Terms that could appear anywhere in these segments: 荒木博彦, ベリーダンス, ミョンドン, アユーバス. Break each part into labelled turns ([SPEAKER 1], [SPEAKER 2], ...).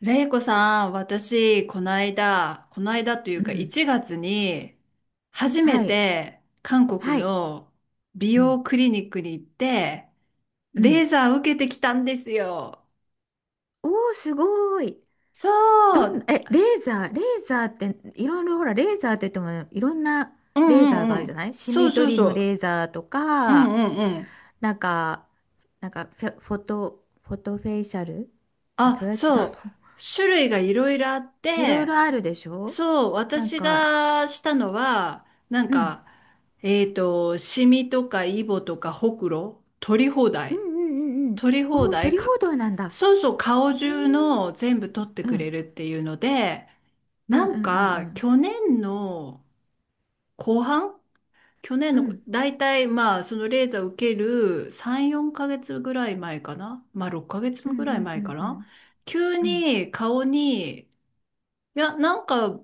[SPEAKER 1] れいこさん、私、この間、この間という
[SPEAKER 2] う
[SPEAKER 1] か
[SPEAKER 2] ん。
[SPEAKER 1] 1月に、初め
[SPEAKER 2] はい。
[SPEAKER 1] て韓国
[SPEAKER 2] はい。
[SPEAKER 1] の美
[SPEAKER 2] うん。
[SPEAKER 1] 容クリニックに行って、
[SPEAKER 2] う
[SPEAKER 1] レ
[SPEAKER 2] ん。
[SPEAKER 1] ーザー受けてきたんですよ。
[SPEAKER 2] おお、すごい。
[SPEAKER 1] そ
[SPEAKER 2] どん、
[SPEAKER 1] う、
[SPEAKER 2] え、レーザーって、いろいろ、ほら、レーザーって言っても、いろんな
[SPEAKER 1] うん
[SPEAKER 2] レーザー
[SPEAKER 1] う
[SPEAKER 2] があ
[SPEAKER 1] ん
[SPEAKER 2] る
[SPEAKER 1] う
[SPEAKER 2] じゃな
[SPEAKER 1] ん。
[SPEAKER 2] い。シ
[SPEAKER 1] そう
[SPEAKER 2] ミ
[SPEAKER 1] そう
[SPEAKER 2] 取り
[SPEAKER 1] そ
[SPEAKER 2] のレ
[SPEAKER 1] う。
[SPEAKER 2] ーザーと
[SPEAKER 1] うん
[SPEAKER 2] か、
[SPEAKER 1] うんうん。
[SPEAKER 2] なんか、なんかフェ、フォト、フォトフェイシャル。あ、そ
[SPEAKER 1] あ、
[SPEAKER 2] れは違う
[SPEAKER 1] そう。
[SPEAKER 2] の。
[SPEAKER 1] 種類がいろいろあっ
[SPEAKER 2] いろい
[SPEAKER 1] て、
[SPEAKER 2] ろあるでしょ。
[SPEAKER 1] そう、
[SPEAKER 2] なん
[SPEAKER 1] 私
[SPEAKER 2] か、
[SPEAKER 1] がしたのは、
[SPEAKER 2] うん。
[SPEAKER 1] シミとかイボとかほくろ、取り放
[SPEAKER 2] うん
[SPEAKER 1] 題。
[SPEAKER 2] うんうんうん。
[SPEAKER 1] 取り放
[SPEAKER 2] おお、
[SPEAKER 1] 題
[SPEAKER 2] 鳥
[SPEAKER 1] か、
[SPEAKER 2] 報道なんだ。
[SPEAKER 1] そうそう、顔
[SPEAKER 2] へ
[SPEAKER 1] 中の
[SPEAKER 2] え。
[SPEAKER 1] 全部取って
[SPEAKER 2] う
[SPEAKER 1] くれ
[SPEAKER 2] ん。
[SPEAKER 1] るっていうので、
[SPEAKER 2] うん
[SPEAKER 1] な
[SPEAKER 2] うんう
[SPEAKER 1] んか
[SPEAKER 2] ん
[SPEAKER 1] 去年の後半、去年
[SPEAKER 2] うん。う
[SPEAKER 1] の
[SPEAKER 2] ん。
[SPEAKER 1] 大体まあそのレーザー受ける3、4ヶ月ぐらい前かな、まあ6ヶ月
[SPEAKER 2] うん
[SPEAKER 1] ぐ
[SPEAKER 2] う
[SPEAKER 1] らい
[SPEAKER 2] んう
[SPEAKER 1] 前か
[SPEAKER 2] んう
[SPEAKER 1] な、
[SPEAKER 2] ん。
[SPEAKER 1] 急
[SPEAKER 2] うん、
[SPEAKER 1] に顔に、いや、なんか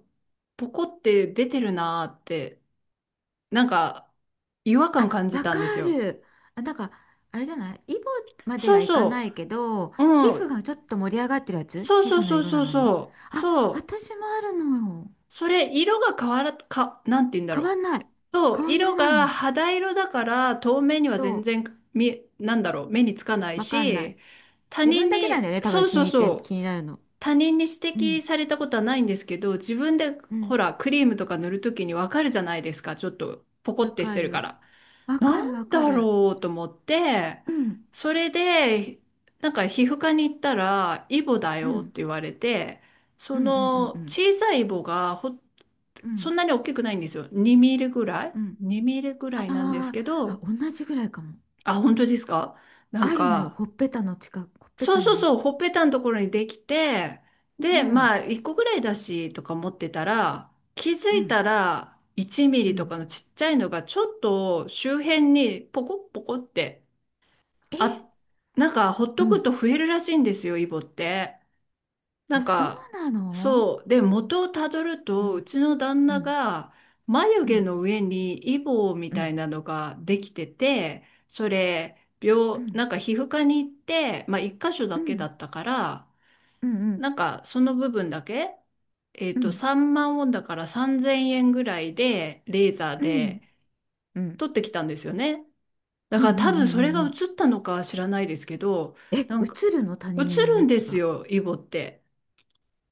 [SPEAKER 1] ポコって出てるなーって、なんか違和感
[SPEAKER 2] あ、
[SPEAKER 1] 感じ
[SPEAKER 2] わ
[SPEAKER 1] た
[SPEAKER 2] か
[SPEAKER 1] んですよ。
[SPEAKER 2] る。あ、なんか、あれじゃない、イボまで
[SPEAKER 1] そ
[SPEAKER 2] は
[SPEAKER 1] う
[SPEAKER 2] いかな
[SPEAKER 1] そ
[SPEAKER 2] いけど、
[SPEAKER 1] う、
[SPEAKER 2] 皮
[SPEAKER 1] うん、
[SPEAKER 2] 膚がちょっと盛り上がってるやつ、
[SPEAKER 1] そう
[SPEAKER 2] 皮
[SPEAKER 1] そう
[SPEAKER 2] 膚の
[SPEAKER 1] そう
[SPEAKER 2] 色な
[SPEAKER 1] そう
[SPEAKER 2] のに。
[SPEAKER 1] そう、
[SPEAKER 2] あ、
[SPEAKER 1] そう。
[SPEAKER 2] 私もあるのよ。
[SPEAKER 1] それ、色が変わら、か、なんて言うんだ
[SPEAKER 2] 変
[SPEAKER 1] ろう。
[SPEAKER 2] わんない。
[SPEAKER 1] そう、
[SPEAKER 2] 変わんで
[SPEAKER 1] 色
[SPEAKER 2] ない
[SPEAKER 1] が
[SPEAKER 2] の。
[SPEAKER 1] 肌色だから透明には
[SPEAKER 2] ど
[SPEAKER 1] 全
[SPEAKER 2] う。
[SPEAKER 1] 然見、なんだろう、目につかない
[SPEAKER 2] わかんない。
[SPEAKER 1] し、他
[SPEAKER 2] 自分
[SPEAKER 1] 人
[SPEAKER 2] だけなん
[SPEAKER 1] に、
[SPEAKER 2] だよね、多分。
[SPEAKER 1] そうそうそ
[SPEAKER 2] 気
[SPEAKER 1] う、
[SPEAKER 2] になるの。
[SPEAKER 1] 他人に
[SPEAKER 2] う
[SPEAKER 1] 指摘
[SPEAKER 2] ん、
[SPEAKER 1] されたことはないんですけど、自分で
[SPEAKER 2] う
[SPEAKER 1] ほ
[SPEAKER 2] ん。
[SPEAKER 1] ら、クリームとか塗るときにわかるじゃないですか、ちょっとポコ
[SPEAKER 2] わ
[SPEAKER 1] ってし
[SPEAKER 2] か
[SPEAKER 1] てるか
[SPEAKER 2] る。
[SPEAKER 1] ら。
[SPEAKER 2] わか
[SPEAKER 1] なん
[SPEAKER 2] る、わか
[SPEAKER 1] だ
[SPEAKER 2] る。
[SPEAKER 1] ろうと思って、
[SPEAKER 2] うん、
[SPEAKER 1] それで、なんか皮膚科に行ったら、イボだ
[SPEAKER 2] う
[SPEAKER 1] よっ
[SPEAKER 2] ん、
[SPEAKER 1] て言われて、
[SPEAKER 2] う
[SPEAKER 1] そ
[SPEAKER 2] ん、うん、う
[SPEAKER 1] の
[SPEAKER 2] ん、うん、
[SPEAKER 1] 小さいイボがほ、
[SPEAKER 2] う
[SPEAKER 1] そ
[SPEAKER 2] ん。
[SPEAKER 1] んなに大きくないんですよ。2ミリぐらい
[SPEAKER 2] うん、
[SPEAKER 1] ?2 ミリぐ
[SPEAKER 2] あ
[SPEAKER 1] らいなんです
[SPEAKER 2] ー
[SPEAKER 1] け
[SPEAKER 2] あ、
[SPEAKER 1] ど、
[SPEAKER 2] 同じぐらいかも。
[SPEAKER 1] あ、本当ですか。なん
[SPEAKER 2] あるのよ、
[SPEAKER 1] か、
[SPEAKER 2] ほっぺたの近く、ほっぺ
[SPEAKER 1] そう
[SPEAKER 2] た
[SPEAKER 1] そう
[SPEAKER 2] の。
[SPEAKER 1] そう、ほっぺたのところにできて、
[SPEAKER 2] う
[SPEAKER 1] で、ま
[SPEAKER 2] ん、
[SPEAKER 1] あ、1個ぐらいだし、とか思ってたら、気づ
[SPEAKER 2] う
[SPEAKER 1] い
[SPEAKER 2] ん、
[SPEAKER 1] たら、1ミ
[SPEAKER 2] う
[SPEAKER 1] リと
[SPEAKER 2] ん。
[SPEAKER 1] かのちっちゃいのが、ちょっと周辺にポコッポコって、
[SPEAKER 2] え、
[SPEAKER 1] あ、なんか、ほっ
[SPEAKER 2] う
[SPEAKER 1] とくと
[SPEAKER 2] ん。
[SPEAKER 1] 増えるらしいんですよ、イボって。な
[SPEAKER 2] あ、
[SPEAKER 1] ん
[SPEAKER 2] そう
[SPEAKER 1] か、
[SPEAKER 2] なの。
[SPEAKER 1] そう。で、元をたどる
[SPEAKER 2] う
[SPEAKER 1] と、う
[SPEAKER 2] ん、
[SPEAKER 1] ちの旦
[SPEAKER 2] う
[SPEAKER 1] 那
[SPEAKER 2] ん、
[SPEAKER 1] が、眉
[SPEAKER 2] う
[SPEAKER 1] 毛
[SPEAKER 2] ん、
[SPEAKER 1] の上にイボみ
[SPEAKER 2] う
[SPEAKER 1] たい
[SPEAKER 2] ん、
[SPEAKER 1] なのができてて、それ、
[SPEAKER 2] う
[SPEAKER 1] 病、
[SPEAKER 2] ん、
[SPEAKER 1] なんか皮膚科に行って、まあ、一箇所
[SPEAKER 2] う
[SPEAKER 1] だけだ
[SPEAKER 2] ん、
[SPEAKER 1] ったから、
[SPEAKER 2] うん、
[SPEAKER 1] なんか、その部分だけ、
[SPEAKER 2] うん、うん、
[SPEAKER 1] 3万ウォンだから3000円ぐらいで、レーザー
[SPEAKER 2] うん、うん、
[SPEAKER 1] で
[SPEAKER 2] うん、
[SPEAKER 1] 取ってきたんですよね。だ
[SPEAKER 2] うん、
[SPEAKER 1] か
[SPEAKER 2] う
[SPEAKER 1] ら多分それが映
[SPEAKER 2] ん。
[SPEAKER 1] ったのかは知らないですけど、
[SPEAKER 2] え、映
[SPEAKER 1] なんか
[SPEAKER 2] るの、他
[SPEAKER 1] 映
[SPEAKER 2] 人の
[SPEAKER 1] るん
[SPEAKER 2] や
[SPEAKER 1] で
[SPEAKER 2] つ
[SPEAKER 1] す
[SPEAKER 2] が。
[SPEAKER 1] よ、イボって。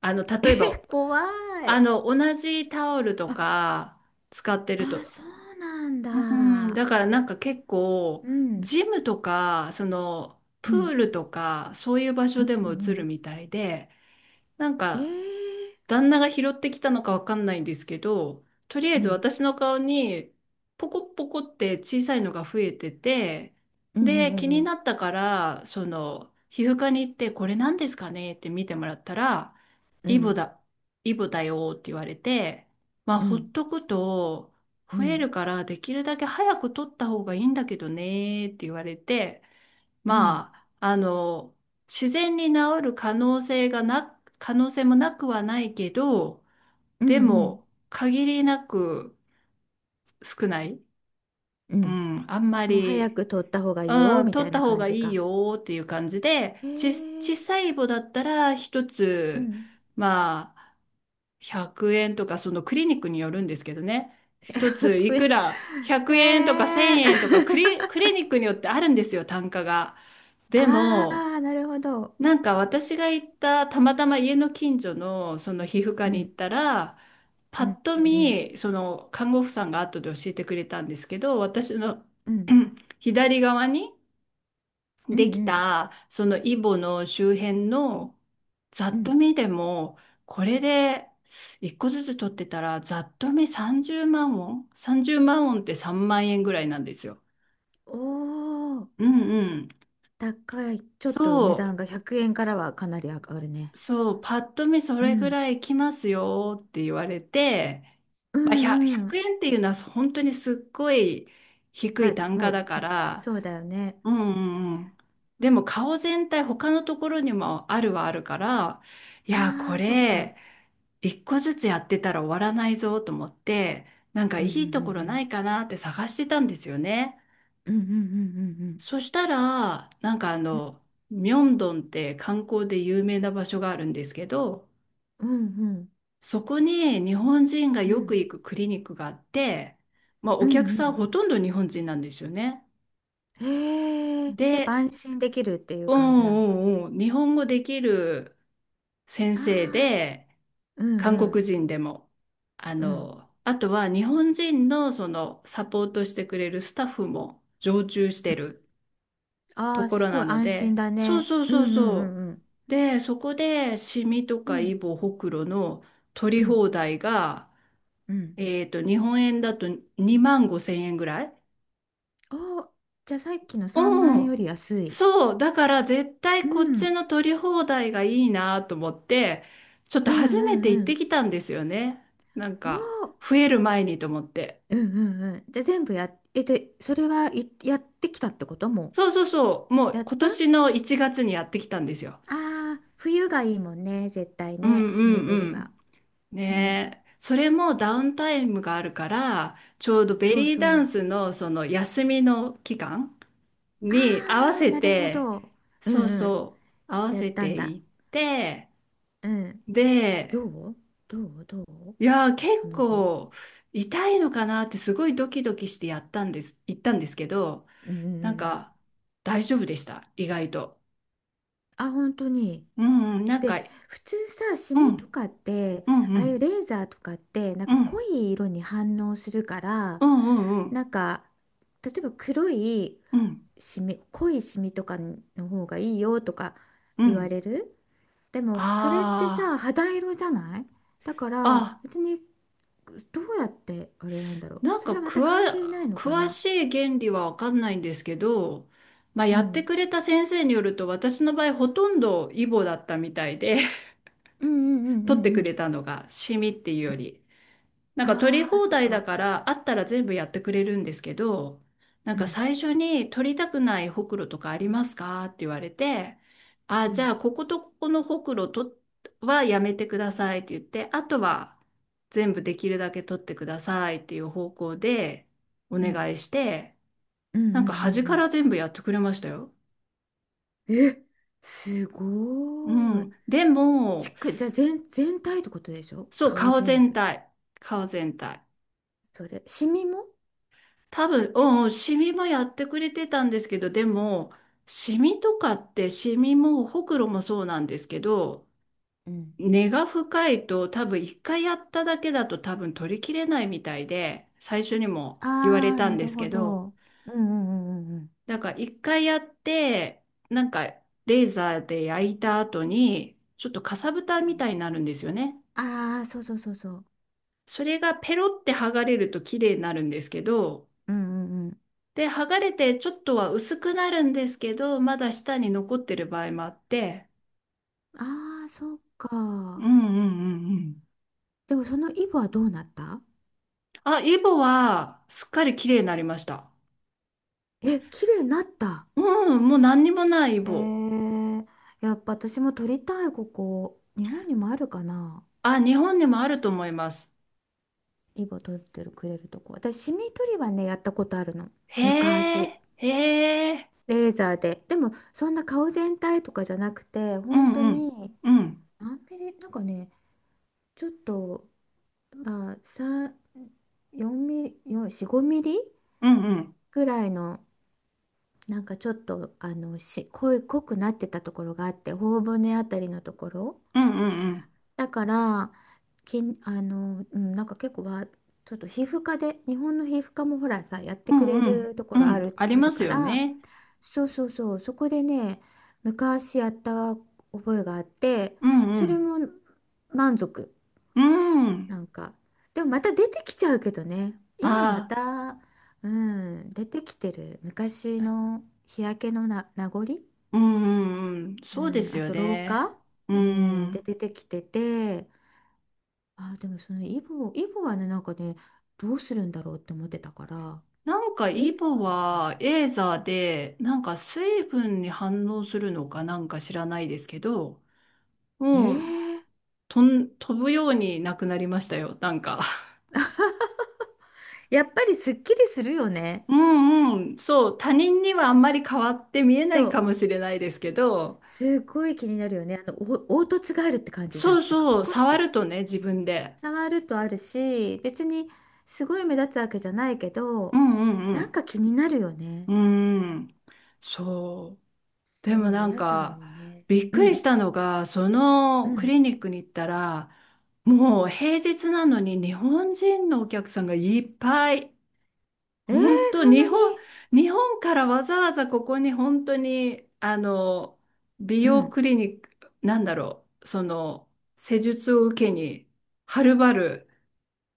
[SPEAKER 1] あの、
[SPEAKER 2] え、
[SPEAKER 1] 例えば、
[SPEAKER 2] 怖
[SPEAKER 1] あ
[SPEAKER 2] い。
[SPEAKER 1] の、同じタオルと
[SPEAKER 2] あ、
[SPEAKER 1] か使ってる
[SPEAKER 2] あ、
[SPEAKER 1] と。
[SPEAKER 2] そうなん
[SPEAKER 1] うん、
[SPEAKER 2] だ。
[SPEAKER 1] だからなんか結構、
[SPEAKER 2] うん、
[SPEAKER 1] ジムとか、その、
[SPEAKER 2] う
[SPEAKER 1] プ
[SPEAKER 2] ん、
[SPEAKER 1] ールとか、そういう場所で
[SPEAKER 2] う
[SPEAKER 1] も映る
[SPEAKER 2] ん、
[SPEAKER 1] みたいで、なんか、
[SPEAKER 2] ええ、
[SPEAKER 1] 旦那が拾ってきたのかわかんないんですけど、とりあ
[SPEAKER 2] う
[SPEAKER 1] えず
[SPEAKER 2] ん、
[SPEAKER 1] 私の顔にポコポコって小さいのが増えてて、
[SPEAKER 2] うん、
[SPEAKER 1] で、
[SPEAKER 2] う
[SPEAKER 1] 気
[SPEAKER 2] ん、う
[SPEAKER 1] に
[SPEAKER 2] ん、
[SPEAKER 1] なったから、その、皮膚科に行って、これ何ですかねって見てもらったら、
[SPEAKER 2] う
[SPEAKER 1] イボ
[SPEAKER 2] ん、
[SPEAKER 1] だ、イボだよって言われて、まあ、
[SPEAKER 2] う
[SPEAKER 1] ほ
[SPEAKER 2] ん、
[SPEAKER 1] っとくと
[SPEAKER 2] う
[SPEAKER 1] 増え
[SPEAKER 2] ん、
[SPEAKER 1] るから、できるだけ早く取った方がいいんだけどねって言われて、まあ、あの、自然に治る可能性がな、可能性もなくはないけど、
[SPEAKER 2] う
[SPEAKER 1] で
[SPEAKER 2] ん、
[SPEAKER 1] も、限りなく少ない。
[SPEAKER 2] う
[SPEAKER 1] う
[SPEAKER 2] ん。
[SPEAKER 1] ん、あんま
[SPEAKER 2] もう早
[SPEAKER 1] り、
[SPEAKER 2] く撮った方がいい
[SPEAKER 1] う
[SPEAKER 2] よ、
[SPEAKER 1] ん、
[SPEAKER 2] みた
[SPEAKER 1] 取っ
[SPEAKER 2] い
[SPEAKER 1] た
[SPEAKER 2] な
[SPEAKER 1] 方
[SPEAKER 2] 感
[SPEAKER 1] が
[SPEAKER 2] じ
[SPEAKER 1] いい
[SPEAKER 2] か。
[SPEAKER 1] よーっていう感じで、
[SPEAKER 2] え
[SPEAKER 1] ち、小
[SPEAKER 2] え、
[SPEAKER 1] さい棒だったら一
[SPEAKER 2] う
[SPEAKER 1] つ、
[SPEAKER 2] ん。
[SPEAKER 1] まあ、100円とか、そのクリニックによるんですけどね。一つい
[SPEAKER 2] 白
[SPEAKER 1] く
[SPEAKER 2] 煙。
[SPEAKER 1] ら
[SPEAKER 2] え
[SPEAKER 1] 100円とか1000
[SPEAKER 2] え
[SPEAKER 1] 円とかクリ、クリニックによってあるんですよ、単価が。で
[SPEAKER 2] あ
[SPEAKER 1] も、
[SPEAKER 2] あ、なるほど。
[SPEAKER 1] なんか私が行ったたまたま家の近所のその皮膚科
[SPEAKER 2] う
[SPEAKER 1] に行っ
[SPEAKER 2] ん、
[SPEAKER 1] たら、
[SPEAKER 2] う
[SPEAKER 1] パ
[SPEAKER 2] ん、
[SPEAKER 1] ッと
[SPEAKER 2] うん、
[SPEAKER 1] 見その看護婦さんが後で教えてくれたんですけど、私の
[SPEAKER 2] うん、う ん、
[SPEAKER 1] 左側に
[SPEAKER 2] う
[SPEAKER 1] でき
[SPEAKER 2] ん、
[SPEAKER 1] たそのイボの周辺の、ざ
[SPEAKER 2] う
[SPEAKER 1] っ
[SPEAKER 2] ん。
[SPEAKER 1] と見でもこれで一個ずつ取ってたらざっと見30万ウォン、って3万円ぐらいなんですよ。
[SPEAKER 2] おおー、
[SPEAKER 1] うんうん。
[SPEAKER 2] 高い。ちょっと値
[SPEAKER 1] そ
[SPEAKER 2] 段
[SPEAKER 1] う
[SPEAKER 2] が100円からはかなり上がるね。
[SPEAKER 1] そう、パッと見そ
[SPEAKER 2] う
[SPEAKER 1] れぐ
[SPEAKER 2] ん、
[SPEAKER 1] らいきますよって言われて、
[SPEAKER 2] う
[SPEAKER 1] まあ、
[SPEAKER 2] ん、う
[SPEAKER 1] 100、
[SPEAKER 2] ん。
[SPEAKER 1] 円っていうのは本当にすっごい低
[SPEAKER 2] ま
[SPEAKER 1] い
[SPEAKER 2] あ、
[SPEAKER 1] 単
[SPEAKER 2] も
[SPEAKER 1] 価
[SPEAKER 2] う
[SPEAKER 1] だか
[SPEAKER 2] ち、
[SPEAKER 1] ら、
[SPEAKER 2] そうだよね。
[SPEAKER 1] うんうんうん。でも顔全体他のところにもあるはあるから、いや、
[SPEAKER 2] あ
[SPEAKER 1] こ
[SPEAKER 2] あ、そっか。
[SPEAKER 1] れ一個ずつやってたら終わらないぞと思って、なんか
[SPEAKER 2] うん、
[SPEAKER 1] い
[SPEAKER 2] う
[SPEAKER 1] いところな
[SPEAKER 2] ん、
[SPEAKER 1] いかなって探してたんですよね。
[SPEAKER 2] うん、うん、うん、うん、
[SPEAKER 1] そしたら、なんかあの、ミョンドンって観光で有名な場所があるんですけど、
[SPEAKER 2] うん、うん、うん、
[SPEAKER 1] そこに日本人が
[SPEAKER 2] う
[SPEAKER 1] よく
[SPEAKER 2] ん、
[SPEAKER 1] 行くクリニックがあって、まあ、
[SPEAKER 2] う
[SPEAKER 1] お
[SPEAKER 2] ん、
[SPEAKER 1] 客
[SPEAKER 2] う
[SPEAKER 1] さん
[SPEAKER 2] ん。
[SPEAKER 1] ほとんど日本人なんですよね。
[SPEAKER 2] へえ、やっぱ
[SPEAKER 1] で、
[SPEAKER 2] 安心できるっていう
[SPEAKER 1] う
[SPEAKER 2] 感じなのかな。
[SPEAKER 1] んうんうん、日本語できる先
[SPEAKER 2] あ
[SPEAKER 1] 生
[SPEAKER 2] あ、
[SPEAKER 1] で、
[SPEAKER 2] う
[SPEAKER 1] 韓
[SPEAKER 2] ん、うん。
[SPEAKER 1] 国人でも、あ
[SPEAKER 2] うん。
[SPEAKER 1] の、あとは日本人のそのサポートしてくれるスタッフも常駐してる
[SPEAKER 2] あ
[SPEAKER 1] と
[SPEAKER 2] あ、
[SPEAKER 1] こ
[SPEAKER 2] す
[SPEAKER 1] ろ
[SPEAKER 2] ご
[SPEAKER 1] な
[SPEAKER 2] い
[SPEAKER 1] の
[SPEAKER 2] 安心
[SPEAKER 1] で、
[SPEAKER 2] だ
[SPEAKER 1] そう
[SPEAKER 2] ね。
[SPEAKER 1] そう
[SPEAKER 2] うん
[SPEAKER 1] そう
[SPEAKER 2] うんう
[SPEAKER 1] そ
[SPEAKER 2] んうん。
[SPEAKER 1] う。で、そこでシミと
[SPEAKER 2] う
[SPEAKER 1] かイ
[SPEAKER 2] ん
[SPEAKER 1] ボ、ホクロの取
[SPEAKER 2] う
[SPEAKER 1] り
[SPEAKER 2] ん
[SPEAKER 1] 放題が、
[SPEAKER 2] うん。
[SPEAKER 1] 日本円だと2万5千円ぐらい。
[SPEAKER 2] おー、じゃあさっきの3万
[SPEAKER 1] う
[SPEAKER 2] 円よ
[SPEAKER 1] ん。
[SPEAKER 2] り安い。
[SPEAKER 1] そう。だから絶
[SPEAKER 2] う
[SPEAKER 1] 対こっち
[SPEAKER 2] ん。
[SPEAKER 1] の取り放題がいいなと思って、ちょっと
[SPEAKER 2] うん
[SPEAKER 1] 初め
[SPEAKER 2] う
[SPEAKER 1] て行
[SPEAKER 2] んう
[SPEAKER 1] って
[SPEAKER 2] ん。
[SPEAKER 1] きたんですよね。なん
[SPEAKER 2] お
[SPEAKER 1] か、
[SPEAKER 2] ー、
[SPEAKER 1] 増える前にと思って。
[SPEAKER 2] うんうんうん。じゃあ全部やっ、え、で、それはいやってきたってこと。も
[SPEAKER 1] そうそうそう。も
[SPEAKER 2] う
[SPEAKER 1] う
[SPEAKER 2] やっ
[SPEAKER 1] 今
[SPEAKER 2] た、あ
[SPEAKER 1] 年の1月にやってきたんですよ。
[SPEAKER 2] あー、冬がいいもんね、絶対
[SPEAKER 1] う
[SPEAKER 2] ね、
[SPEAKER 1] んう
[SPEAKER 2] しみ
[SPEAKER 1] んう
[SPEAKER 2] 取りは。
[SPEAKER 1] ん。
[SPEAKER 2] うん。
[SPEAKER 1] ねえ。それもダウンタイムがあるから、ちょうどベ
[SPEAKER 2] そう
[SPEAKER 1] リー
[SPEAKER 2] そ
[SPEAKER 1] ダン
[SPEAKER 2] う。
[SPEAKER 1] スのその休みの期間に合わ
[SPEAKER 2] ああ、
[SPEAKER 1] せ
[SPEAKER 2] なるほ
[SPEAKER 1] て、
[SPEAKER 2] ど。う
[SPEAKER 1] そう
[SPEAKER 2] んうん。
[SPEAKER 1] そう、合わ
[SPEAKER 2] やっ
[SPEAKER 1] せ
[SPEAKER 2] たん
[SPEAKER 1] て
[SPEAKER 2] だ。
[SPEAKER 1] いって、
[SPEAKER 2] うん。ど
[SPEAKER 1] で、
[SPEAKER 2] うどうどう
[SPEAKER 1] いやー、結
[SPEAKER 2] その後。
[SPEAKER 1] 構痛いのかなってすごいドキドキしてやったんです、行ったんですけど、
[SPEAKER 2] う
[SPEAKER 1] なん
[SPEAKER 2] ん。
[SPEAKER 1] か大丈夫でした、意外と。
[SPEAKER 2] あ、本当に。
[SPEAKER 1] うん、うんなん
[SPEAKER 2] で、
[SPEAKER 1] か、
[SPEAKER 2] 普通さ、シ
[SPEAKER 1] うん、
[SPEAKER 2] ミとかって、
[SPEAKER 1] うん、う
[SPEAKER 2] ああいう
[SPEAKER 1] ん、
[SPEAKER 2] レーザーとかって、なん
[SPEAKER 1] う
[SPEAKER 2] か
[SPEAKER 1] ん、
[SPEAKER 2] 濃い色に反応するから、
[SPEAKER 1] うん、うん、うん、
[SPEAKER 2] なんか、例えば黒い
[SPEAKER 1] うん、
[SPEAKER 2] シミ、濃いシミとかの方がいいよとか
[SPEAKER 1] う
[SPEAKER 2] 言わ
[SPEAKER 1] ん、
[SPEAKER 2] れる。でも、それってさ、
[SPEAKER 1] あ
[SPEAKER 2] 肌色じゃない、だか
[SPEAKER 1] ー
[SPEAKER 2] ら、
[SPEAKER 1] あ、
[SPEAKER 2] 別に、どうやって、あれなんだろ
[SPEAKER 1] な
[SPEAKER 2] う。
[SPEAKER 1] ん
[SPEAKER 2] そ
[SPEAKER 1] か
[SPEAKER 2] れはま
[SPEAKER 1] 詳、
[SPEAKER 2] た関係ないのか
[SPEAKER 1] 詳
[SPEAKER 2] な。
[SPEAKER 1] しい原理は分かんないんですけど、まあ、
[SPEAKER 2] う
[SPEAKER 1] やって
[SPEAKER 2] ん。
[SPEAKER 1] くれた先生によると私の場合ほとんどイボだったみたいで
[SPEAKER 2] うんうんう んう
[SPEAKER 1] 取って
[SPEAKER 2] ん
[SPEAKER 1] く
[SPEAKER 2] う
[SPEAKER 1] れ
[SPEAKER 2] ん。
[SPEAKER 1] たのがシミっていうより。なんか取り
[SPEAKER 2] ああ、
[SPEAKER 1] 放
[SPEAKER 2] そう
[SPEAKER 1] 題だ
[SPEAKER 2] か。
[SPEAKER 1] からあったら全部やってくれるんですけど、なん
[SPEAKER 2] う
[SPEAKER 1] か
[SPEAKER 2] ん
[SPEAKER 1] 最初に取りたくないほくろとかありますかって言われて、あ、
[SPEAKER 2] う
[SPEAKER 1] じゃ
[SPEAKER 2] ん
[SPEAKER 1] あこことここのほくろとはやめてくださいって言って、あとは全部できるだけ取ってくださいっていう方向でお
[SPEAKER 2] うん。
[SPEAKER 1] 願いして、
[SPEAKER 2] うんうん
[SPEAKER 1] なんか端
[SPEAKER 2] う
[SPEAKER 1] か
[SPEAKER 2] ん
[SPEAKER 1] ら全部やってくれましたよ。
[SPEAKER 2] うん、え、す
[SPEAKER 1] う
[SPEAKER 2] ごーい。
[SPEAKER 1] ん。でも、
[SPEAKER 2] じゃあ全体ってことでしょ、
[SPEAKER 1] そう、
[SPEAKER 2] 顔
[SPEAKER 1] 顔
[SPEAKER 2] 全
[SPEAKER 1] 全
[SPEAKER 2] 部。
[SPEAKER 1] 体。顔全体。
[SPEAKER 2] それ、シミも。
[SPEAKER 1] 多分、うんうん、シミもやってくれてたんですけど、でも、シミとかって、シミもほくろもそうなんですけど、
[SPEAKER 2] うん。
[SPEAKER 1] 根が深いと多分一回やっただけだと多分取りきれないみたいで、最初にも言われ
[SPEAKER 2] ああ、
[SPEAKER 1] たん
[SPEAKER 2] な
[SPEAKER 1] で
[SPEAKER 2] る
[SPEAKER 1] す
[SPEAKER 2] ほ
[SPEAKER 1] けど、
[SPEAKER 2] ど。うんうんうんうん
[SPEAKER 1] だから一回やって、なんかレーザーで焼いた後に、ちょっとかさぶた
[SPEAKER 2] う
[SPEAKER 1] み
[SPEAKER 2] ん。
[SPEAKER 1] たいになるんですよね。
[SPEAKER 2] ああー、そうそうそうそう。
[SPEAKER 1] それがペロって剥がれると綺麗になるんですけど、
[SPEAKER 2] うんうんうん。
[SPEAKER 1] で、剥がれてちょっとは薄くなるんですけど、まだ下に残ってる場合もあって、
[SPEAKER 2] ああ、そう
[SPEAKER 1] う
[SPEAKER 2] か。
[SPEAKER 1] んうんうんうん。
[SPEAKER 2] でもそのイボはどうなった。
[SPEAKER 1] あ、イボはすっかり綺麗になりました。
[SPEAKER 2] え、綺麗になった。
[SPEAKER 1] うん、もう何にもないイ
[SPEAKER 2] え
[SPEAKER 1] ボ。
[SPEAKER 2] ー、やっぱ私も撮りたい、ここ。日本にもあるかな、
[SPEAKER 1] あ、日本にもあると思います。
[SPEAKER 2] イボ取ってるくれるとこ。私シミ取りはね、やったことあるの、
[SPEAKER 1] へ
[SPEAKER 2] 昔。
[SPEAKER 1] え、へえ、
[SPEAKER 2] レーザーで。でもそんな顔全体とかじゃなくて、
[SPEAKER 1] う
[SPEAKER 2] 本当
[SPEAKER 1] んうん、
[SPEAKER 2] に
[SPEAKER 1] うん、
[SPEAKER 2] 何ミリなんかね、ちょっと、まあ3 4ミリよ4 5ミリ
[SPEAKER 1] うんうん、
[SPEAKER 2] ぐらいの、なんかちょっと、あの濃い、なってたところがあって、頬骨あたりのところ。
[SPEAKER 1] うんうんうん、
[SPEAKER 2] だからけんあの、うん、なんか結構はちょっと皮膚科で、日本の皮膚科もほらさ、やって
[SPEAKER 1] う
[SPEAKER 2] く
[SPEAKER 1] ん
[SPEAKER 2] れ
[SPEAKER 1] うん、
[SPEAKER 2] ると
[SPEAKER 1] う
[SPEAKER 2] ころ
[SPEAKER 1] んあり
[SPEAKER 2] ある
[SPEAKER 1] ます
[SPEAKER 2] か
[SPEAKER 1] よ
[SPEAKER 2] ら、
[SPEAKER 1] ね。
[SPEAKER 2] そうそうそう、そこでね、昔やった覚えがあって。
[SPEAKER 1] うんう
[SPEAKER 2] それ
[SPEAKER 1] ん、
[SPEAKER 2] も満足。
[SPEAKER 1] うん。
[SPEAKER 2] なんか、でもまた出てきちゃうけどね、今ま
[SPEAKER 1] あ、
[SPEAKER 2] た。うん、出てきてる、昔の日焼けの名残、
[SPEAKER 1] うんうんうん、
[SPEAKER 2] う
[SPEAKER 1] そうで
[SPEAKER 2] ん、
[SPEAKER 1] す
[SPEAKER 2] あ
[SPEAKER 1] よ
[SPEAKER 2] と老
[SPEAKER 1] ね。
[SPEAKER 2] 化、
[SPEAKER 1] う
[SPEAKER 2] うん、で
[SPEAKER 1] ん。
[SPEAKER 2] 出てきてて。あー、でもそのイボ、イボはね、なんかね、どうするんだろうって思ってたから、
[SPEAKER 1] なんか
[SPEAKER 2] レ
[SPEAKER 1] イ
[SPEAKER 2] イザー
[SPEAKER 1] ボ
[SPEAKER 2] なんだ。
[SPEAKER 1] はエーザーでなんか水分に反応するのかなんか知らないですけど、
[SPEAKER 2] え
[SPEAKER 1] もう
[SPEAKER 2] ー。
[SPEAKER 1] とん飛ぶようになくなりましたよ、なんか。
[SPEAKER 2] やっぱりすっきりするよ ね。
[SPEAKER 1] うんうん、そう、他人にはあんまり変わって見えな
[SPEAKER 2] そ
[SPEAKER 1] いか
[SPEAKER 2] う。
[SPEAKER 1] もしれないですけど、
[SPEAKER 2] すごい気になるよね。あの、お凹凸があるって感じじゃん、
[SPEAKER 1] そう
[SPEAKER 2] なんかポ
[SPEAKER 1] そう、
[SPEAKER 2] コっ
[SPEAKER 1] 触
[SPEAKER 2] て。
[SPEAKER 1] るとね、自分で。
[SPEAKER 2] 触るとあるし、別にすごい目立つわけじゃないけ
[SPEAKER 1] う
[SPEAKER 2] ど、
[SPEAKER 1] んうんう
[SPEAKER 2] なん
[SPEAKER 1] ん。
[SPEAKER 2] か気になるよね。
[SPEAKER 1] うん、そう。でも
[SPEAKER 2] そう、
[SPEAKER 1] なん
[SPEAKER 2] やだよ
[SPEAKER 1] か、
[SPEAKER 2] ね。
[SPEAKER 1] びっ
[SPEAKER 2] う
[SPEAKER 1] くり
[SPEAKER 2] ん
[SPEAKER 1] したのが、そ
[SPEAKER 2] う
[SPEAKER 1] の
[SPEAKER 2] ん。う
[SPEAKER 1] ク
[SPEAKER 2] ん。
[SPEAKER 1] リニックに行ったら、もう平日なのに日本人のお客さんがいっぱい。
[SPEAKER 2] えー、
[SPEAKER 1] 本当、
[SPEAKER 2] そんなに。
[SPEAKER 1] 日本からわざわざここに本当に、美
[SPEAKER 2] う
[SPEAKER 1] 容
[SPEAKER 2] ん。
[SPEAKER 1] クリニック、なんだろう、その、施術を受けに、はるばる、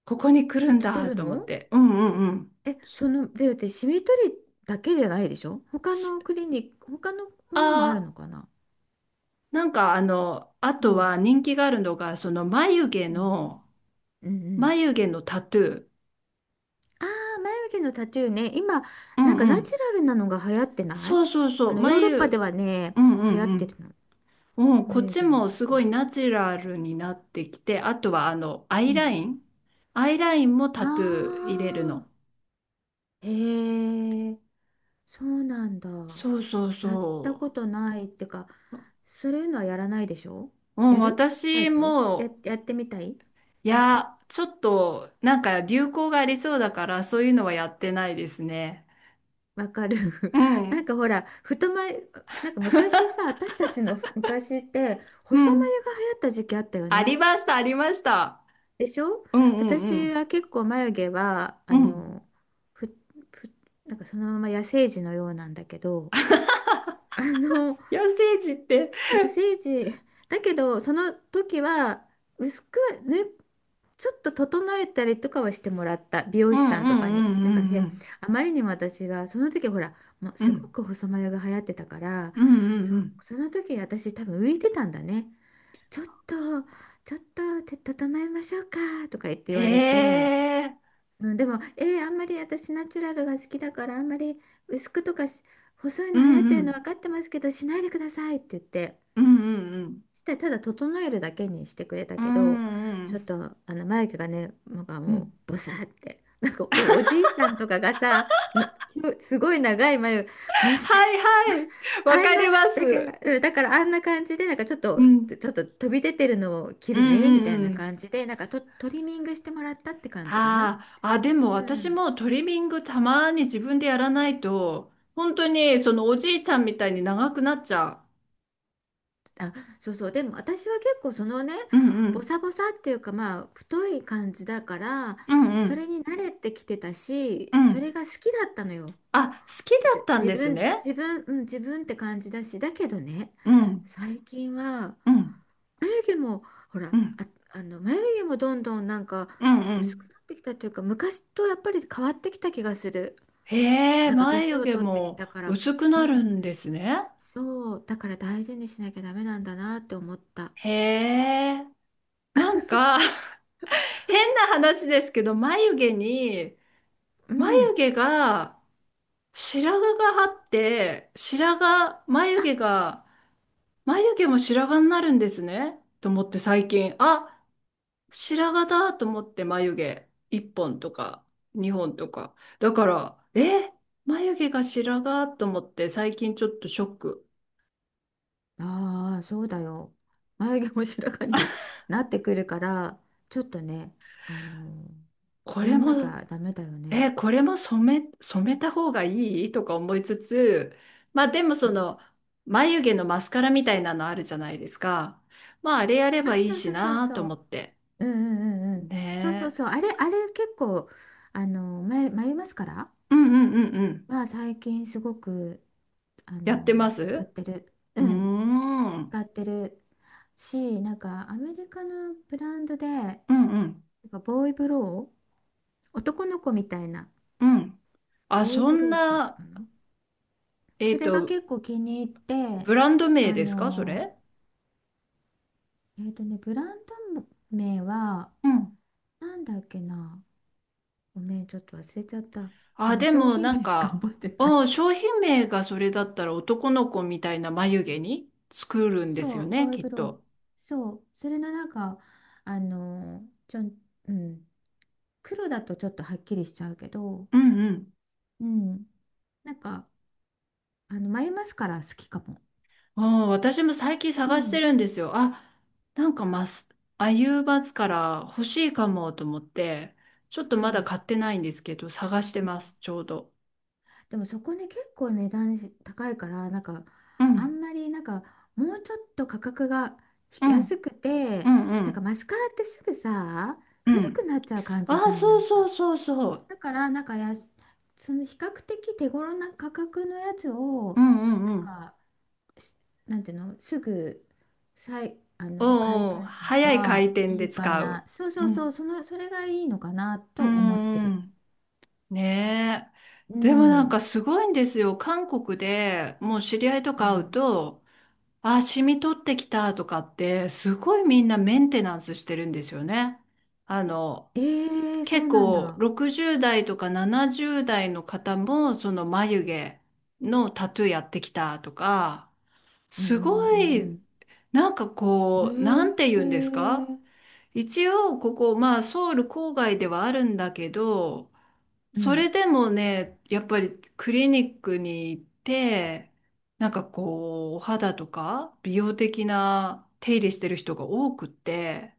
[SPEAKER 1] ここに来る
[SPEAKER 2] え、
[SPEAKER 1] ん
[SPEAKER 2] 来て
[SPEAKER 1] だ
[SPEAKER 2] る
[SPEAKER 1] と思っ
[SPEAKER 2] の。
[SPEAKER 1] て。うんうんうん。
[SPEAKER 2] え、その、で、で、シミ取りだけじゃないでしょ、他の
[SPEAKER 1] し
[SPEAKER 2] クリニック、他のものもある
[SPEAKER 1] あ
[SPEAKER 2] のかな。
[SPEAKER 1] ー、なんかあの、あ
[SPEAKER 2] う
[SPEAKER 1] と
[SPEAKER 2] ん。
[SPEAKER 1] は人気があるのが、
[SPEAKER 2] うん。うんうん。
[SPEAKER 1] 眉毛のタトゥー。
[SPEAKER 2] ああ、眉毛のタトゥーね。今、
[SPEAKER 1] う
[SPEAKER 2] なん
[SPEAKER 1] ん
[SPEAKER 2] か
[SPEAKER 1] う
[SPEAKER 2] ナチ
[SPEAKER 1] ん。
[SPEAKER 2] ュラルなのが流行ってない。
[SPEAKER 1] そうそうそ
[SPEAKER 2] あ
[SPEAKER 1] う。
[SPEAKER 2] の、ヨーロッパではね、
[SPEAKER 1] うんう
[SPEAKER 2] 流行っ
[SPEAKER 1] んう
[SPEAKER 2] てる
[SPEAKER 1] ん。
[SPEAKER 2] の。
[SPEAKER 1] こっ
[SPEAKER 2] 眉
[SPEAKER 1] ち
[SPEAKER 2] 毛の
[SPEAKER 1] も
[SPEAKER 2] タ
[SPEAKER 1] す
[SPEAKER 2] トゥ
[SPEAKER 1] ごい
[SPEAKER 2] ー。
[SPEAKER 1] ナチュラルになってきて、あとはア
[SPEAKER 2] う
[SPEAKER 1] イラ
[SPEAKER 2] ん。
[SPEAKER 1] イン。アイラインもタ
[SPEAKER 2] あ
[SPEAKER 1] トゥー入れるの。
[SPEAKER 2] あ、へえ、そうなんだ。
[SPEAKER 1] そうそう
[SPEAKER 2] やった
[SPEAKER 1] そ
[SPEAKER 2] ことないってか、
[SPEAKER 1] う。も
[SPEAKER 2] そういうのはやらないでしょ。
[SPEAKER 1] うん、
[SPEAKER 2] やるタイ
[SPEAKER 1] 私
[SPEAKER 2] プ、
[SPEAKER 1] も、
[SPEAKER 2] やってみたい。
[SPEAKER 1] い
[SPEAKER 2] やった。
[SPEAKER 1] や、ちょっと、なんか流行がありそうだから、そういうのはやってないですね。
[SPEAKER 2] わかる。
[SPEAKER 1] う
[SPEAKER 2] なん
[SPEAKER 1] ん、
[SPEAKER 2] かほら、太眉、なんか昔さ、私たちの昔って、
[SPEAKER 1] う
[SPEAKER 2] 細
[SPEAKER 1] ん。
[SPEAKER 2] 眉が流行った時期あったよ
[SPEAKER 1] あり
[SPEAKER 2] ね。
[SPEAKER 1] ました、ありました。
[SPEAKER 2] でしょ。
[SPEAKER 1] うんうんう
[SPEAKER 2] 私
[SPEAKER 1] ん。
[SPEAKER 2] は結構眉毛は、
[SPEAKER 1] う
[SPEAKER 2] あ
[SPEAKER 1] ん。
[SPEAKER 2] の、ふ、ふ、なんかそのまま野生児のようなんだけど、あの、
[SPEAKER 1] 野生児って。
[SPEAKER 2] いや、聖地、だけど、その時は、薄くは、ね、ちょっと整えたりとかはしてもらった、美
[SPEAKER 1] う
[SPEAKER 2] 容師
[SPEAKER 1] ん
[SPEAKER 2] さ
[SPEAKER 1] う
[SPEAKER 2] んとかに。なんか部
[SPEAKER 1] んう
[SPEAKER 2] 屋、
[SPEAKER 1] ん
[SPEAKER 2] あまりにも私が、その時ほら、もう
[SPEAKER 1] うん
[SPEAKER 2] す
[SPEAKER 1] う
[SPEAKER 2] ご
[SPEAKER 1] ん
[SPEAKER 2] く細眉が流行ってたから、
[SPEAKER 1] うんうんうんうん
[SPEAKER 2] そ、
[SPEAKER 1] うん。
[SPEAKER 2] その時私多分浮いてたんだね。ちょっと、ちょっと、て整えましょうか、とか言われ
[SPEAKER 1] へ
[SPEAKER 2] て。
[SPEAKER 1] え。
[SPEAKER 2] うん、でも、えー、あんまり私ナチュラルが好きだから、あんまり薄くとかし細い
[SPEAKER 1] う
[SPEAKER 2] の流行って
[SPEAKER 1] んう
[SPEAKER 2] るの
[SPEAKER 1] ん
[SPEAKER 2] 分かってますけど、しないでくださいって言って、
[SPEAKER 1] うんうん
[SPEAKER 2] してただ整えるだけにしてくれた
[SPEAKER 1] う
[SPEAKER 2] けど、
[SPEAKER 1] んう
[SPEAKER 2] ちょっと
[SPEAKER 1] ん
[SPEAKER 2] あの眉毛がね、なんか
[SPEAKER 1] うんう
[SPEAKER 2] もう
[SPEAKER 1] ん
[SPEAKER 2] ボサーって、なんかおじいちゃんとかがさ、なすごい長い眉、まっす
[SPEAKER 1] はいはい。 わ
[SPEAKER 2] あん
[SPEAKER 1] か
[SPEAKER 2] な、
[SPEAKER 1] りま
[SPEAKER 2] だか
[SPEAKER 1] す。
[SPEAKER 2] ら、あんな感じで、なんかちょっ
[SPEAKER 1] う
[SPEAKER 2] と、
[SPEAKER 1] ん
[SPEAKER 2] 飛び出てるのを切
[SPEAKER 1] う
[SPEAKER 2] る
[SPEAKER 1] ん
[SPEAKER 2] ね、みた
[SPEAKER 1] う
[SPEAKER 2] い
[SPEAKER 1] ん。う
[SPEAKER 2] な
[SPEAKER 1] ん。
[SPEAKER 2] 感じで、なんかトリミングしてもらったって感じかな。
[SPEAKER 1] あー、あ、でも
[SPEAKER 2] う
[SPEAKER 1] 私
[SPEAKER 2] ん、
[SPEAKER 1] もトリミングたまに自分でやらないと本当にそのおじいちゃんみたいに長くなっちゃ
[SPEAKER 2] あ、そうそう。でも私は結構そのね、
[SPEAKER 1] う。うんう
[SPEAKER 2] ボ
[SPEAKER 1] ん
[SPEAKER 2] サボサっていうか、まあ太い感じだから、
[SPEAKER 1] うんう
[SPEAKER 2] そ
[SPEAKER 1] ん
[SPEAKER 2] れに慣れてきてた
[SPEAKER 1] う
[SPEAKER 2] し、それ
[SPEAKER 1] ん。
[SPEAKER 2] が好きだったのよ。
[SPEAKER 1] あ、好きだっ
[SPEAKER 2] じ
[SPEAKER 1] たん
[SPEAKER 2] 自
[SPEAKER 1] です
[SPEAKER 2] 分、
[SPEAKER 1] ね。
[SPEAKER 2] 自分、うん、自分って感じだし。だけどね、
[SPEAKER 1] うん
[SPEAKER 2] 最近は
[SPEAKER 1] うん
[SPEAKER 2] 眉毛も、ほ
[SPEAKER 1] う
[SPEAKER 2] ら、
[SPEAKER 1] ん
[SPEAKER 2] 眉毛もどんどんなんか
[SPEAKER 1] うん。う
[SPEAKER 2] 薄く
[SPEAKER 1] ん。
[SPEAKER 2] なってきたっていうか、昔とやっぱり変わってきた気がする。
[SPEAKER 1] へえ、
[SPEAKER 2] なんか年
[SPEAKER 1] 眉
[SPEAKER 2] を
[SPEAKER 1] 毛
[SPEAKER 2] 取ってき
[SPEAKER 1] も
[SPEAKER 2] たから、
[SPEAKER 1] 薄く
[SPEAKER 2] う
[SPEAKER 1] なる
[SPEAKER 2] ん、
[SPEAKER 1] んですね。
[SPEAKER 2] そう、だから大事にしなきゃダメなんだなって思った。
[SPEAKER 1] へえ、なんか 変な話ですけど、
[SPEAKER 2] う
[SPEAKER 1] 眉
[SPEAKER 2] ん。
[SPEAKER 1] 毛が白髪があって、白髪、眉毛が、眉毛も白髪になるんですね。と思って最近、あ、白髪だと思って眉毛1本とか2本とか。だから、え、眉毛が白髪と思って最近ちょっとショック。
[SPEAKER 2] ああ、そうだよ。眉毛も白髪に なってくるから、ちょっとね、あの、
[SPEAKER 1] こ
[SPEAKER 2] や
[SPEAKER 1] れ
[SPEAKER 2] んなき
[SPEAKER 1] も
[SPEAKER 2] ゃダメだよ
[SPEAKER 1] え
[SPEAKER 2] ね。
[SPEAKER 1] ーこれも染め、染めた方がいいとか思いつつ、まあでも
[SPEAKER 2] う
[SPEAKER 1] そ
[SPEAKER 2] ん、
[SPEAKER 1] の眉毛のマスカラみたいなのあるじゃないですか。まああれやれ
[SPEAKER 2] あ、
[SPEAKER 1] ばいい
[SPEAKER 2] そう
[SPEAKER 1] し
[SPEAKER 2] そうそう
[SPEAKER 1] なと
[SPEAKER 2] そ
[SPEAKER 1] 思
[SPEAKER 2] う。
[SPEAKER 1] って。
[SPEAKER 2] うんうんうんうん。そうそう
[SPEAKER 1] ね
[SPEAKER 2] そう。
[SPEAKER 1] え。
[SPEAKER 2] あれ結構、眉マスカラ
[SPEAKER 1] うんうんうんうん。
[SPEAKER 2] は最近すごく、あ
[SPEAKER 1] やってま
[SPEAKER 2] の、
[SPEAKER 1] す。
[SPEAKER 2] 使っ
[SPEAKER 1] う
[SPEAKER 2] てる。
[SPEAKER 1] ー
[SPEAKER 2] うん、
[SPEAKER 1] ん。うん
[SPEAKER 2] 使ってるし、なんかアメリカのブランドで、な
[SPEAKER 1] うん
[SPEAKER 2] んかボーイブロー、男の子みたいな、
[SPEAKER 1] うん。あ、
[SPEAKER 2] ボーイ
[SPEAKER 1] そ
[SPEAKER 2] ブ
[SPEAKER 1] ん
[SPEAKER 2] ローってやつ
[SPEAKER 1] な、
[SPEAKER 2] かな。
[SPEAKER 1] え
[SPEAKER 2] そ
[SPEAKER 1] っ
[SPEAKER 2] れが
[SPEAKER 1] と、
[SPEAKER 2] 結構気に入って。
[SPEAKER 1] ブランド名
[SPEAKER 2] あ
[SPEAKER 1] ですかそ
[SPEAKER 2] の、
[SPEAKER 1] れ。
[SPEAKER 2] えっとね、ブランド名は
[SPEAKER 1] うん。
[SPEAKER 2] なんだっけな。ごめん、ちょっと忘れちゃった、そ
[SPEAKER 1] あ、
[SPEAKER 2] の
[SPEAKER 1] で
[SPEAKER 2] 商
[SPEAKER 1] も
[SPEAKER 2] 品
[SPEAKER 1] な
[SPEAKER 2] 名
[SPEAKER 1] ん
[SPEAKER 2] しか
[SPEAKER 1] か、
[SPEAKER 2] 覚えてな
[SPEAKER 1] うん、
[SPEAKER 2] い。
[SPEAKER 1] 商品名がそれだったら男の子みたいな眉毛に作るんです
[SPEAKER 2] そ
[SPEAKER 1] よ
[SPEAKER 2] う、ボ
[SPEAKER 1] ね、
[SPEAKER 2] ーイ
[SPEAKER 1] きっ
[SPEAKER 2] ブロ
[SPEAKER 1] と。
[SPEAKER 2] ー、そう、それのなんか、あの、ちょん、うん、黒だとちょっとはっきりしちゃうけど、
[SPEAKER 1] うんうん。
[SPEAKER 2] うん、なんかあの眉マスカラ好きかも。
[SPEAKER 1] ああ、私も最近
[SPEAKER 2] う
[SPEAKER 1] 探して
[SPEAKER 2] ん、
[SPEAKER 1] るんですよ。あ、なんかマス、アユーバスから欲しいかもと思って、ちょっと
[SPEAKER 2] そ
[SPEAKER 1] まだ
[SPEAKER 2] う、
[SPEAKER 1] 買ってないんですけど、探して
[SPEAKER 2] う
[SPEAKER 1] ま
[SPEAKER 2] ん。
[SPEAKER 1] す、ちょうど。
[SPEAKER 2] でもそこね、結構値段高いからなんか
[SPEAKER 1] う
[SPEAKER 2] あ
[SPEAKER 1] ん、
[SPEAKER 2] んまり、なんかもうちょっと価格が
[SPEAKER 1] う
[SPEAKER 2] 安
[SPEAKER 1] ん、
[SPEAKER 2] く
[SPEAKER 1] う
[SPEAKER 2] て、
[SPEAKER 1] ん、う
[SPEAKER 2] なんか
[SPEAKER 1] ん、
[SPEAKER 2] マスカラってすぐさ
[SPEAKER 1] う
[SPEAKER 2] 古く
[SPEAKER 1] ん。
[SPEAKER 2] なっちゃう感
[SPEAKER 1] あ
[SPEAKER 2] じじ
[SPEAKER 1] あ、
[SPEAKER 2] ゃん、な
[SPEAKER 1] そう
[SPEAKER 2] ん
[SPEAKER 1] そう
[SPEAKER 2] か。
[SPEAKER 1] そうそう。
[SPEAKER 2] だからなんかその比較的手頃な価格のやつ
[SPEAKER 1] う
[SPEAKER 2] を、
[SPEAKER 1] んう
[SPEAKER 2] なん
[SPEAKER 1] んうん。
[SPEAKER 2] か、し、なんていうの、すぐあ
[SPEAKER 1] お
[SPEAKER 2] の買い替
[SPEAKER 1] うおう、
[SPEAKER 2] えるの
[SPEAKER 1] 早い回
[SPEAKER 2] が
[SPEAKER 1] 転
[SPEAKER 2] い
[SPEAKER 1] で
[SPEAKER 2] いか
[SPEAKER 1] 使う。
[SPEAKER 2] な。
[SPEAKER 1] うん、
[SPEAKER 2] それがいいのかな
[SPEAKER 1] う
[SPEAKER 2] と思って
[SPEAKER 1] んう
[SPEAKER 2] る。
[SPEAKER 1] ん。ねえ。
[SPEAKER 2] う
[SPEAKER 1] でもなん
[SPEAKER 2] ん、
[SPEAKER 1] かすごいんですよ。韓国でもう知り合いと
[SPEAKER 2] う
[SPEAKER 1] か会う
[SPEAKER 2] ん、
[SPEAKER 1] と、あ、染み取ってきたとかって、すごいみんなメンテナンスしてるんですよね。あの、
[SPEAKER 2] えー、そ
[SPEAKER 1] 結
[SPEAKER 2] うなん
[SPEAKER 1] 構
[SPEAKER 2] だ。
[SPEAKER 1] 60代とか70代の方も、その眉毛のタトゥーやってきたとか、
[SPEAKER 2] うんう
[SPEAKER 1] すごい、
[SPEAKER 2] んう
[SPEAKER 1] な
[SPEAKER 2] ん
[SPEAKER 1] んて
[SPEAKER 2] う
[SPEAKER 1] 言うんです
[SPEAKER 2] んう
[SPEAKER 1] か。
[SPEAKER 2] ん。えー、
[SPEAKER 1] 一応、ここ、まあ、ソウル郊外ではあるんだけど、
[SPEAKER 2] う
[SPEAKER 1] そ
[SPEAKER 2] ん
[SPEAKER 1] れでもね、やっぱりクリニックに行って、お肌とか美容的な手入れしてる人が多くって、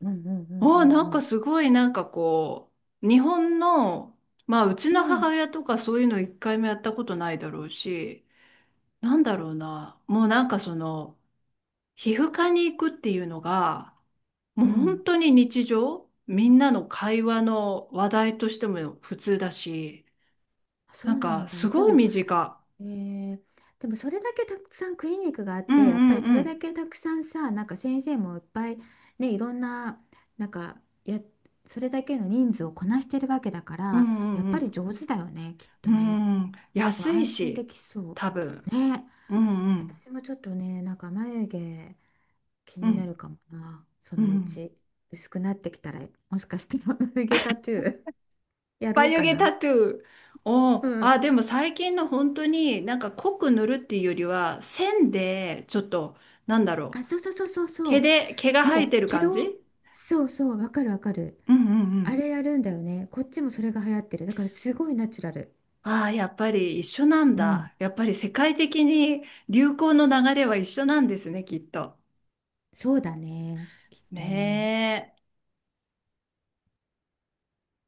[SPEAKER 2] うんうんう
[SPEAKER 1] あ
[SPEAKER 2] んう
[SPEAKER 1] あ、な
[SPEAKER 2] ん
[SPEAKER 1] ん
[SPEAKER 2] う
[SPEAKER 1] か
[SPEAKER 2] ん
[SPEAKER 1] すごいなんかこう、日本の、まあうち
[SPEAKER 2] う
[SPEAKER 1] の母
[SPEAKER 2] ん
[SPEAKER 1] 親とかそういうの一回もやったことないだろうし、なんだろうな、もうなんかその、皮膚科に行くっていうのが、も
[SPEAKER 2] う
[SPEAKER 1] う
[SPEAKER 2] ん、
[SPEAKER 1] 本当に日常、みんなの会話の話題としても普通だし、
[SPEAKER 2] そ
[SPEAKER 1] なん
[SPEAKER 2] うな
[SPEAKER 1] か、
[SPEAKER 2] ん
[SPEAKER 1] す
[SPEAKER 2] だ。で
[SPEAKER 1] ごい
[SPEAKER 2] も、
[SPEAKER 1] 身近。
[SPEAKER 2] えー、でもそれだけたくさんクリニックがあっ
[SPEAKER 1] う
[SPEAKER 2] て、やっぱ
[SPEAKER 1] んう
[SPEAKER 2] り
[SPEAKER 1] ん
[SPEAKER 2] そ
[SPEAKER 1] う
[SPEAKER 2] れだ
[SPEAKER 1] ん。
[SPEAKER 2] けたくさんさ、なんか先生もいっぱいね、いろんななんか、それだけの人数をこなしてるわけだか
[SPEAKER 1] う
[SPEAKER 2] ら、や
[SPEAKER 1] ん
[SPEAKER 2] っ
[SPEAKER 1] う
[SPEAKER 2] ぱり
[SPEAKER 1] ん
[SPEAKER 2] 上手だよね、きっ
[SPEAKER 1] う
[SPEAKER 2] とね。
[SPEAKER 1] ん。うん。安い
[SPEAKER 2] 安心で
[SPEAKER 1] し、
[SPEAKER 2] きそ
[SPEAKER 1] 多分。
[SPEAKER 2] うね。
[SPEAKER 1] うんうん
[SPEAKER 2] 私もちょっとね、なんか眉毛気
[SPEAKER 1] う
[SPEAKER 2] になる
[SPEAKER 1] ん。
[SPEAKER 2] かもな、そ
[SPEAKER 1] う
[SPEAKER 2] のう
[SPEAKER 1] ん。
[SPEAKER 2] ち。薄くなってきたら、もしかして眉毛タトゥー やろう
[SPEAKER 1] 眉
[SPEAKER 2] か
[SPEAKER 1] 毛
[SPEAKER 2] な。
[SPEAKER 1] タトゥー。お
[SPEAKER 2] う
[SPEAKER 1] ー、あ、
[SPEAKER 2] ん。
[SPEAKER 1] でも最近の本当になんか濃く塗るっていうよりは、線で、ちょっと、なんだろ
[SPEAKER 2] あ、
[SPEAKER 1] う。
[SPEAKER 2] そうそうそうそうそ
[SPEAKER 1] 毛で、毛が
[SPEAKER 2] う。
[SPEAKER 1] 生え
[SPEAKER 2] もう
[SPEAKER 1] てる
[SPEAKER 2] 毛
[SPEAKER 1] 感
[SPEAKER 2] を、
[SPEAKER 1] じ。
[SPEAKER 2] そうそう、わかるわかる。
[SPEAKER 1] うんうんう
[SPEAKER 2] あ
[SPEAKER 1] ん。
[SPEAKER 2] れやるんだよね。こっちもそれが流行ってる。だからすごいナチュラル。
[SPEAKER 1] ああ、やっぱり一緒なん
[SPEAKER 2] うん。
[SPEAKER 1] だ。やっぱり世界的に流行の流れは一緒なんですね、きっと。
[SPEAKER 2] そうだね。きっとね。
[SPEAKER 1] ねえ。